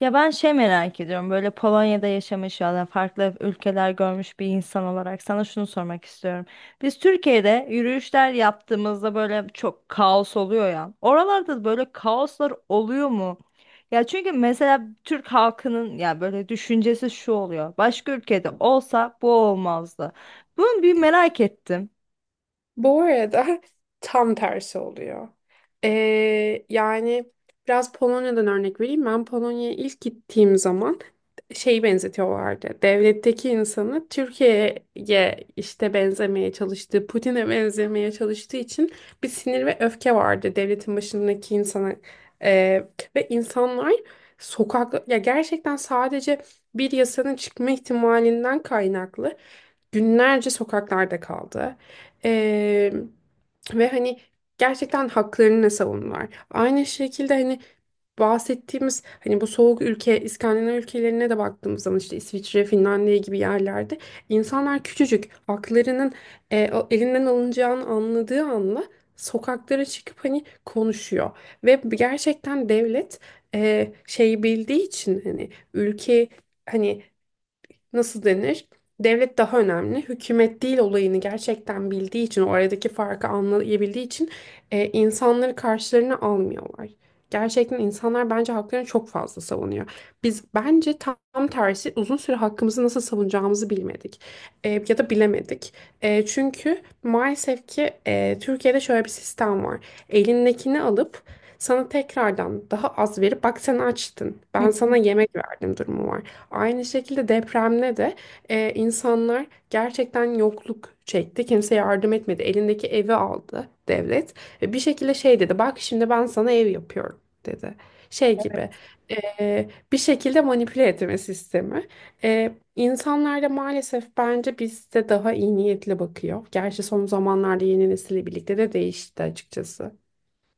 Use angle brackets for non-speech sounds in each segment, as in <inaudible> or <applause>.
Ya ben şey merak ediyorum, böyle Polonya'da yaşamış ya da farklı ülkeler görmüş bir insan olarak sana şunu sormak istiyorum. Biz Türkiye'de yürüyüşler yaptığımızda böyle çok kaos oluyor ya. Oralarda da böyle kaoslar oluyor mu? Ya çünkü mesela Türk halkının ya böyle düşüncesi şu oluyor: başka ülkede olsa bu olmazdı. Bunu bir merak ettim. Bu arada <laughs> tam tersi oluyor. Yani biraz Polonya'dan örnek vereyim. Ben Polonya'ya ilk gittiğim zaman şeyi benzetiyorlardı. Devletteki insanı Türkiye'ye işte benzemeye çalıştığı, Putin'e benzemeye çalıştığı için bir sinir ve öfke vardı devletin başındaki insana. Ee, Ve insanlar sokak ya gerçekten sadece bir yasanın çıkma ihtimalinden kaynaklı günlerce sokaklarda kaldı. Ee, Ve hani gerçekten haklarını savunurlar. Aynı şekilde hani bahsettiğimiz hani bu soğuk ülke İskandinav ülkelerine de baktığımız zaman işte İsviçre, Finlandiya gibi yerlerde insanlar küçücük haklarının elinden alınacağını anladığı anda sokaklara çıkıp hani konuşuyor. Ve gerçekten devlet şey bildiği için hani ülke hani nasıl denir? Devlet daha önemli. Hükümet değil olayını gerçekten bildiği için, oradaki farkı anlayabildiği için insanları karşılarına almıyorlar. Gerçekten insanlar bence haklarını çok fazla savunuyor. Biz bence tam tersi uzun süre hakkımızı nasıl savunacağımızı bilmedik. Ya da bilemedik. Çünkü maalesef ki Türkiye'de şöyle bir sistem var. Elindekini alıp sana tekrardan daha az verip bak sen açtın. Ben sana <laughs> yemek verdim durumu var. Aynı şekilde depremde de insanlar gerçekten yokluk çekti. Kimse yardım etmedi. Elindeki evi aldı devlet. Ve bir şekilde şey dedi. Bak şimdi ben sana ev yapıyorum dedi. Şey gibi bir şekilde manipüle etme sistemi. İnsanlar da maalesef bence bizde daha iyi niyetli bakıyor. Gerçi son zamanlarda yeni nesille birlikte de değişti açıkçası.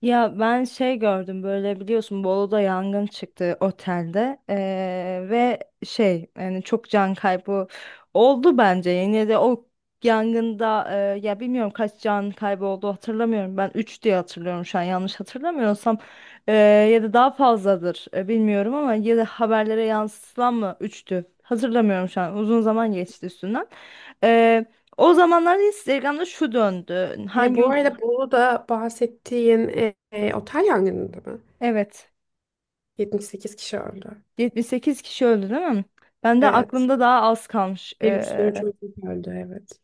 Ya ben şey gördüm, böyle biliyorsun, Bolu'da yangın çıktı otelde, ve şey, yani çok can kaybı oldu bence yine de o yangında, ya bilmiyorum, kaç can kaybı oldu hatırlamıyorum, ben 3 diye hatırlıyorum şu an, yanlış hatırlamıyorsam. Ee, Ya da daha fazladır, bilmiyorum, ama ya da haberlere yansıtılan mı üçtü, hatırlamıyorum şu an, uzun zaman geçti üstünden. Ee, O zamanlar Instagram'da şu döndü, Bu arada Bolu'da bahsettiğin otel yangınında mı? evet, 78 kişi öldü. 78 kişi öldü değil mi? Ben de Evet. aklımda daha az kalmış. Bir sürü Ee, çocuk öldü, evet.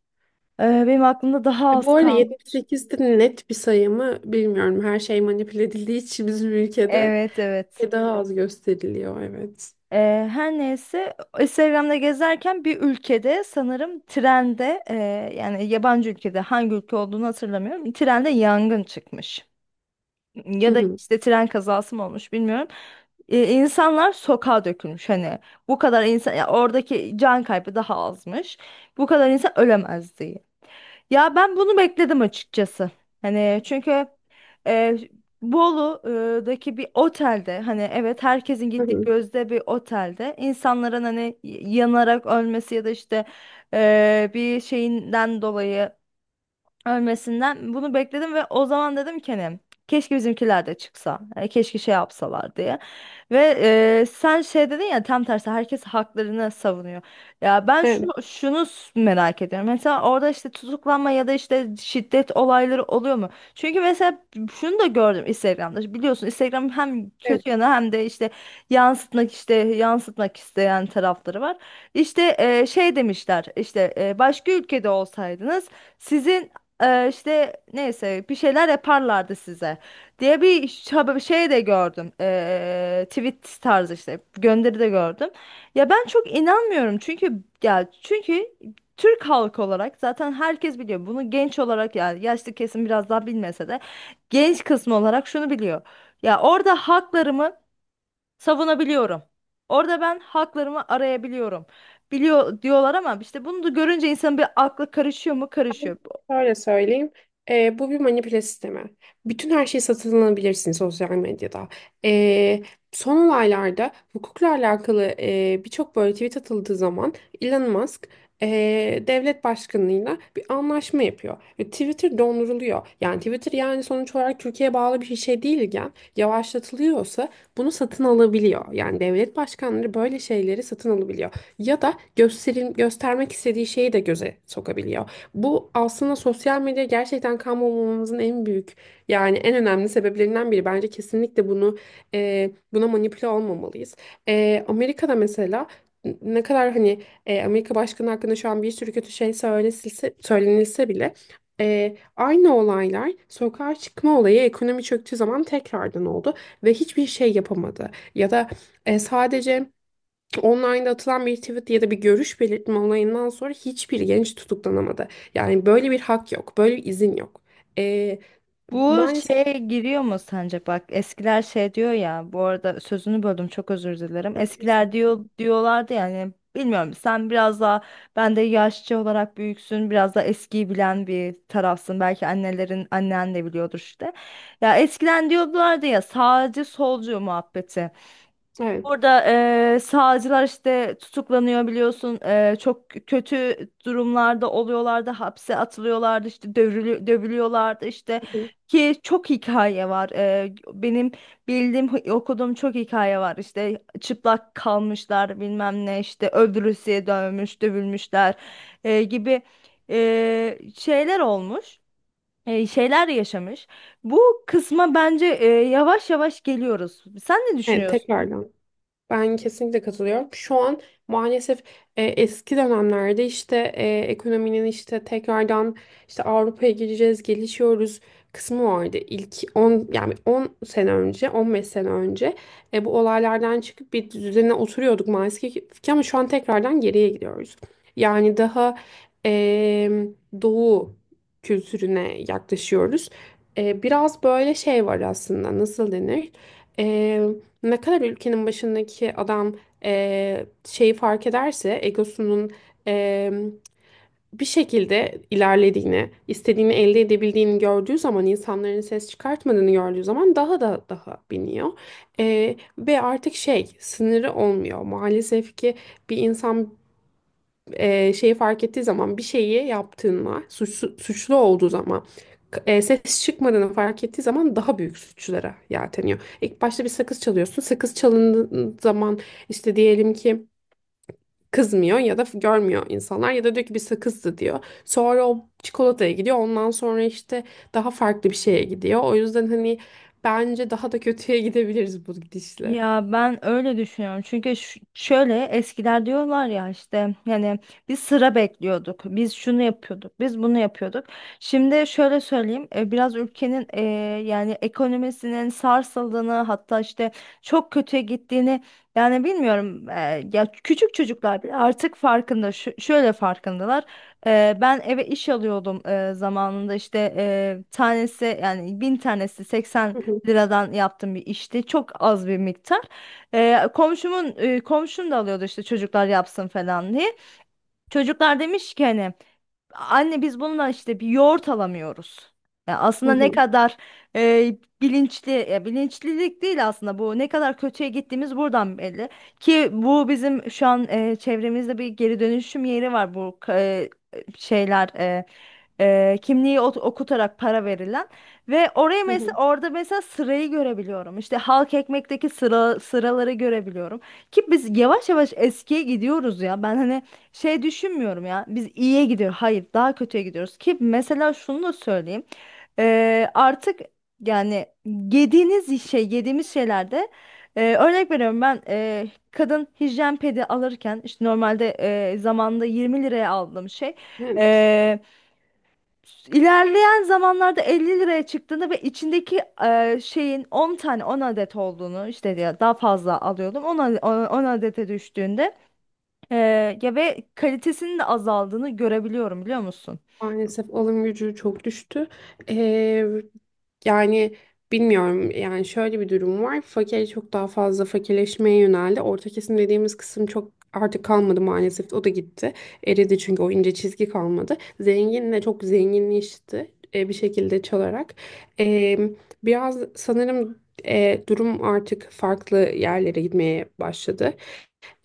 e, benim aklımda daha az Bu arada yetmiş kalmış. sekiz de net bir sayı mı bilmiyorum. Her şey manipüle edildiği için bizim ülkede Evet, evet. daha az gösteriliyor, evet. Her neyse, Instagram'da gezerken bir ülkede sanırım trende, yani yabancı ülkede, hangi ülke olduğunu hatırlamıyorum. Trende yangın çıkmış. Hı Ya da hı. işte tren kazası mı olmuş, bilmiyorum. İnsanlar sokağa dökülmüş, hani bu kadar insan, ya oradaki can kaybı daha azmış, bu kadar insan ölemez diye. Ya ben bunu bekledim açıkçası. Hani çünkü e, Bolu'daki bir otelde, hani evet, herkesin Hı gittiği hı. gözde bir otelde, insanların hani yanarak ölmesi ya da işte bir şeyinden dolayı ölmesinden, bunu bekledim. Ve o zaman dedim ki, hani keşke bizimkiler de çıksa, hani keşke şey yapsalar diye. Ve sen şey dedin ya, tam tersi herkes haklarını savunuyor. Ya ben Evet. şunu merak ediyorum, mesela orada işte tutuklanma ya da işte şiddet olayları oluyor mu? Çünkü mesela şunu da gördüm Instagram'da, biliyorsun Instagram hem Evet. kötü yanı hem de işte yansıtmak, işte yansıtmak isteyen tarafları var. İşte şey demişler, işte başka ülkede olsaydınız sizin, işte neyse, bir şeyler yaparlardı size diye bir şey de gördüm. Tweet tarzı işte gönderi de gördüm. Ya ben çok inanmıyorum, çünkü ya çünkü Türk halkı olarak zaten herkes biliyor bunu, genç olarak yani, yaşlı kesim biraz daha bilmese de genç kısmı olarak şunu biliyor: ya orada haklarımı savunabiliyorum, orada ben haklarımı arayabiliyorum, biliyor diyorlar. Ama işte bunu da görünce insan bir, aklı karışıyor mu? Karışıyor. Şöyle söyleyeyim. Bu bir manipüle sistemi. Bütün her şey satın alabilirsin sosyal medyada. Ee, Son olaylarda hukukla alakalı birçok böyle tweet atıldığı zaman Elon Musk e, devlet başkanlığıyla bir anlaşma yapıyor. Ve Twitter donduruluyor. Yani Twitter yani sonuç olarak Türkiye'ye bağlı bir şey değilken yavaşlatılıyorsa bunu satın alabiliyor. Yani devlet başkanları böyle şeyleri satın alabiliyor. Ya da gösterim, göstermek istediği şeyi de göze sokabiliyor. Bu aslında sosyal medya gerçekten kalmamamızın en büyük yani en önemli sebeplerinden biri. Bence kesinlikle bunu buna manipüle olmamalıyız. Amerika'da mesela ne kadar hani Amerika Başkanı hakkında şu an bir sürü kötü şey söylenilse bile aynı olaylar sokağa çıkma olayı ekonomi çöktüğü zaman tekrardan oldu ve hiçbir şey yapamadı. Ya da sadece Online'da atılan bir tweet ya da bir görüş belirtme olayından sonra hiçbir genç tutuklanamadı. Yani böyle bir hak yok, böyle bir izin yok. Ee, Bu Maalesef şeye giriyor mu sence? Bak, eskiler şey diyor ya. Bu arada sözünü böldüm, çok özür dilerim. yok. Eskiler Kesinlikle. diyorlardı yani, bilmiyorum, sen biraz daha, ben de yaşça olarak büyüksün. Biraz daha eskiyi bilen bir tarafsın. Belki annelerin, annen de biliyordur işte. Ya eskiden diyorlardı ya, sağcı solcu muhabbeti. Evet. Orada sağcılar işte tutuklanıyor biliyorsun. Çok kötü durumlarda oluyorlardı. Hapse atılıyorlardı, işte dövülüyorlardı işte, ki çok hikaye var. Benim bildiğim, okuduğum çok hikaye var. İşte çıplak kalmışlar, bilmem ne, işte öldürülmüş, dövmüş, dövülmüşler gibi şeyler olmuş, şeyler yaşamış. Bu kısma bence yavaş yavaş geliyoruz. Sen ne Evet, düşünüyorsun? tekrardan. Ben kesinlikle katılıyorum. Şu an maalesef eski dönemlerde işte ekonominin işte tekrardan işte Avrupa'ya gireceğiz, gelişiyoruz kısmı vardı. İlk 10 yani 10 sene önce, 15 sene önce bu olaylardan çıkıp bir düzene oturuyorduk maalesef ki ama şu an tekrardan geriye gidiyoruz. Yani daha e, doğu kültürüne yaklaşıyoruz. Biraz böyle şey var aslında, nasıl denir? Ne kadar ülkenin başındaki adam şeyi fark ederse egosunun eee, bir şekilde ilerlediğini, istediğini elde edebildiğini gördüğü zaman, insanların ses çıkartmadığını gördüğü zaman daha da daha biniyor. Ve artık şey sınırı olmuyor. Maalesef ki bir insan şeyi fark ettiği zaman bir şeyi yaptığında suçlu, suçlu olduğu zaman ses çıkmadığını fark ettiği zaman daha büyük suçlara yelteniyor. İlk başta bir sakız çalıyorsun. Sakız çalındığı zaman işte diyelim ki kızmıyor ya da görmüyor insanlar ya da diyor ki bir sakızdı diyor. Sonra o çikolataya gidiyor. Ondan sonra işte daha farklı bir şeye gidiyor. O yüzden hani bence daha da kötüye <laughs> gidebiliriz bu gidişle. Ya ben öyle düşünüyorum. Çünkü şöyle, eskiler diyorlar ya işte, yani biz sıra bekliyorduk, biz şunu yapıyorduk, biz bunu yapıyorduk. Şimdi şöyle söyleyeyim: biraz ülkenin, yani ekonomisinin sarsıldığını, hatta işte çok kötüye gittiğini, yani bilmiyorum. Ya küçük çocuklar bile artık farkında. Şöyle farkındalar. Ben eve iş alıyordum zamanında, işte tanesi, yani 1000 tanesi 80 Hı hı. liradan yaptığım bir işte. Çok az bir miktar. Komşum da alıyordu işte, çocuklar yapsın falan diye. Çocuklar demiş ki, hani: "Anne, biz bununla işte bir yoğurt alamıyoruz." Ya Hı aslında, ne hı. kadar e, bilinçli, ya bilinçlilik değil aslında, bu ne kadar kötüye gittiğimiz buradan belli. Ki bu, bizim şu an çevremizde bir geri dönüşüm yeri var, bu şeyler e, kimliği okutarak para verilen, ve oraya Hı hı. mesela, orada mesela sırayı görebiliyorum. İşte halk ekmekteki sıra sıraları görebiliyorum. Ki biz yavaş yavaş eskiye gidiyoruz ya. Ben hani şey düşünmüyorum, ya biz iyiye gidiyor, hayır, daha kötüye gidiyoruz. Ki mesela şunu da söyleyeyim: artık, yani yediğiniz şey yediğimiz şeylerde, örnek veriyorum, ben kadın hijyen pedi alırken, işte normalde zamanında 20 liraya aldığım şey Evet. e, ilerleyen zamanlarda 50 liraya çıktığında, ve içindeki şeyin 10 tane, 10 adet olduğunu, işte ya daha fazla alıyordum, 10, 10 adete düştüğünde, ya, ve kalitesinin de azaldığını görebiliyorum, biliyor musun? Maalesef alım gücü çok düştü. Ee, Yani bilmiyorum, yani şöyle bir durum var. Fakir çok daha fazla fakirleşmeye yöneldi. Orta kesim dediğimiz kısım çok artık kalmadı maalesef. O da gitti. Eridi çünkü o ince çizgi kalmadı. Zenginle çok zenginleşti bir şekilde çalarak. Ee, Biraz sanırım durum artık farklı yerlere gitmeye başladı.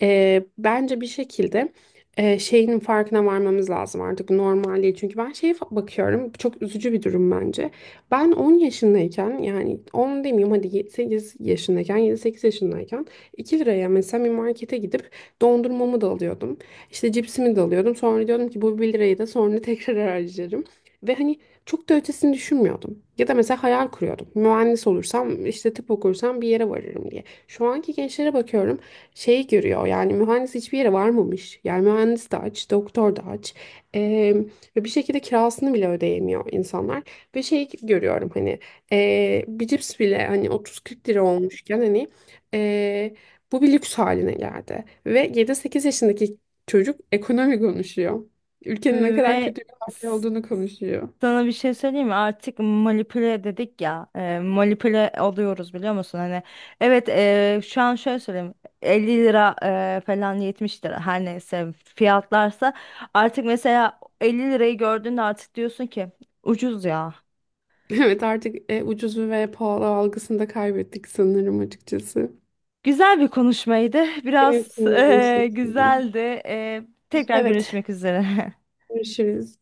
Bence bir şekilde şeyin farkına varmamız lazım artık, normalliği. Çünkü ben bakıyorum, bu çok üzücü bir durum bence. Ben 10 yaşındayken, yani 10 demeyeyim hadi 8 yaşındayken, 7-8 yaşındayken 2 liraya mesela bir markete gidip dondurmamı da alıyordum. İşte cipsimi de alıyordum. Sonra diyordum ki bu 1 lirayı da sonra <laughs> tekrar harcarım. Ve hani çok da ötesini düşünmüyordum. Ya da mesela hayal kuruyordum. Mühendis olursam, işte tıp okursam bir yere varırım diye. Şu anki gençlere bakıyorum, şey görüyor, yani mühendis hiçbir yere varmamış. Yani mühendis de aç, doktor da aç. Eee, Ve bir şekilde kirasını bile ödeyemiyor insanlar. Ve şey görüyorum hani bir cips bile hani 30-40 lira olmuşken hani eee, bu bir lüks haline geldi. Ve 7-8 yaşındaki çocuk ekonomi konuşuyor. Ülkenin ne kadar Ve kötü bir halde s- olduğunu konuşuyor. sana bir şey söyleyeyim mi? Artık manipüle dedik ya, manipüle alıyoruz biliyor musun? Hani evet, şu an şöyle söyleyeyim: 50 lira falan, 70 lira, her neyse fiyatlarsa, artık mesela 50 lirayı gördüğünde artık diyorsun ki ucuz ya. <laughs> Evet, artık ucuzu ve pahalı algısını da kaybettik sanırım açıkçası. Güzel bir konuşmaydı. <laughs> Benim için Biraz de aynı şekilde. güzeldi. E, Tekrar Evet, görüşmek üzere. <laughs> görüşürüz.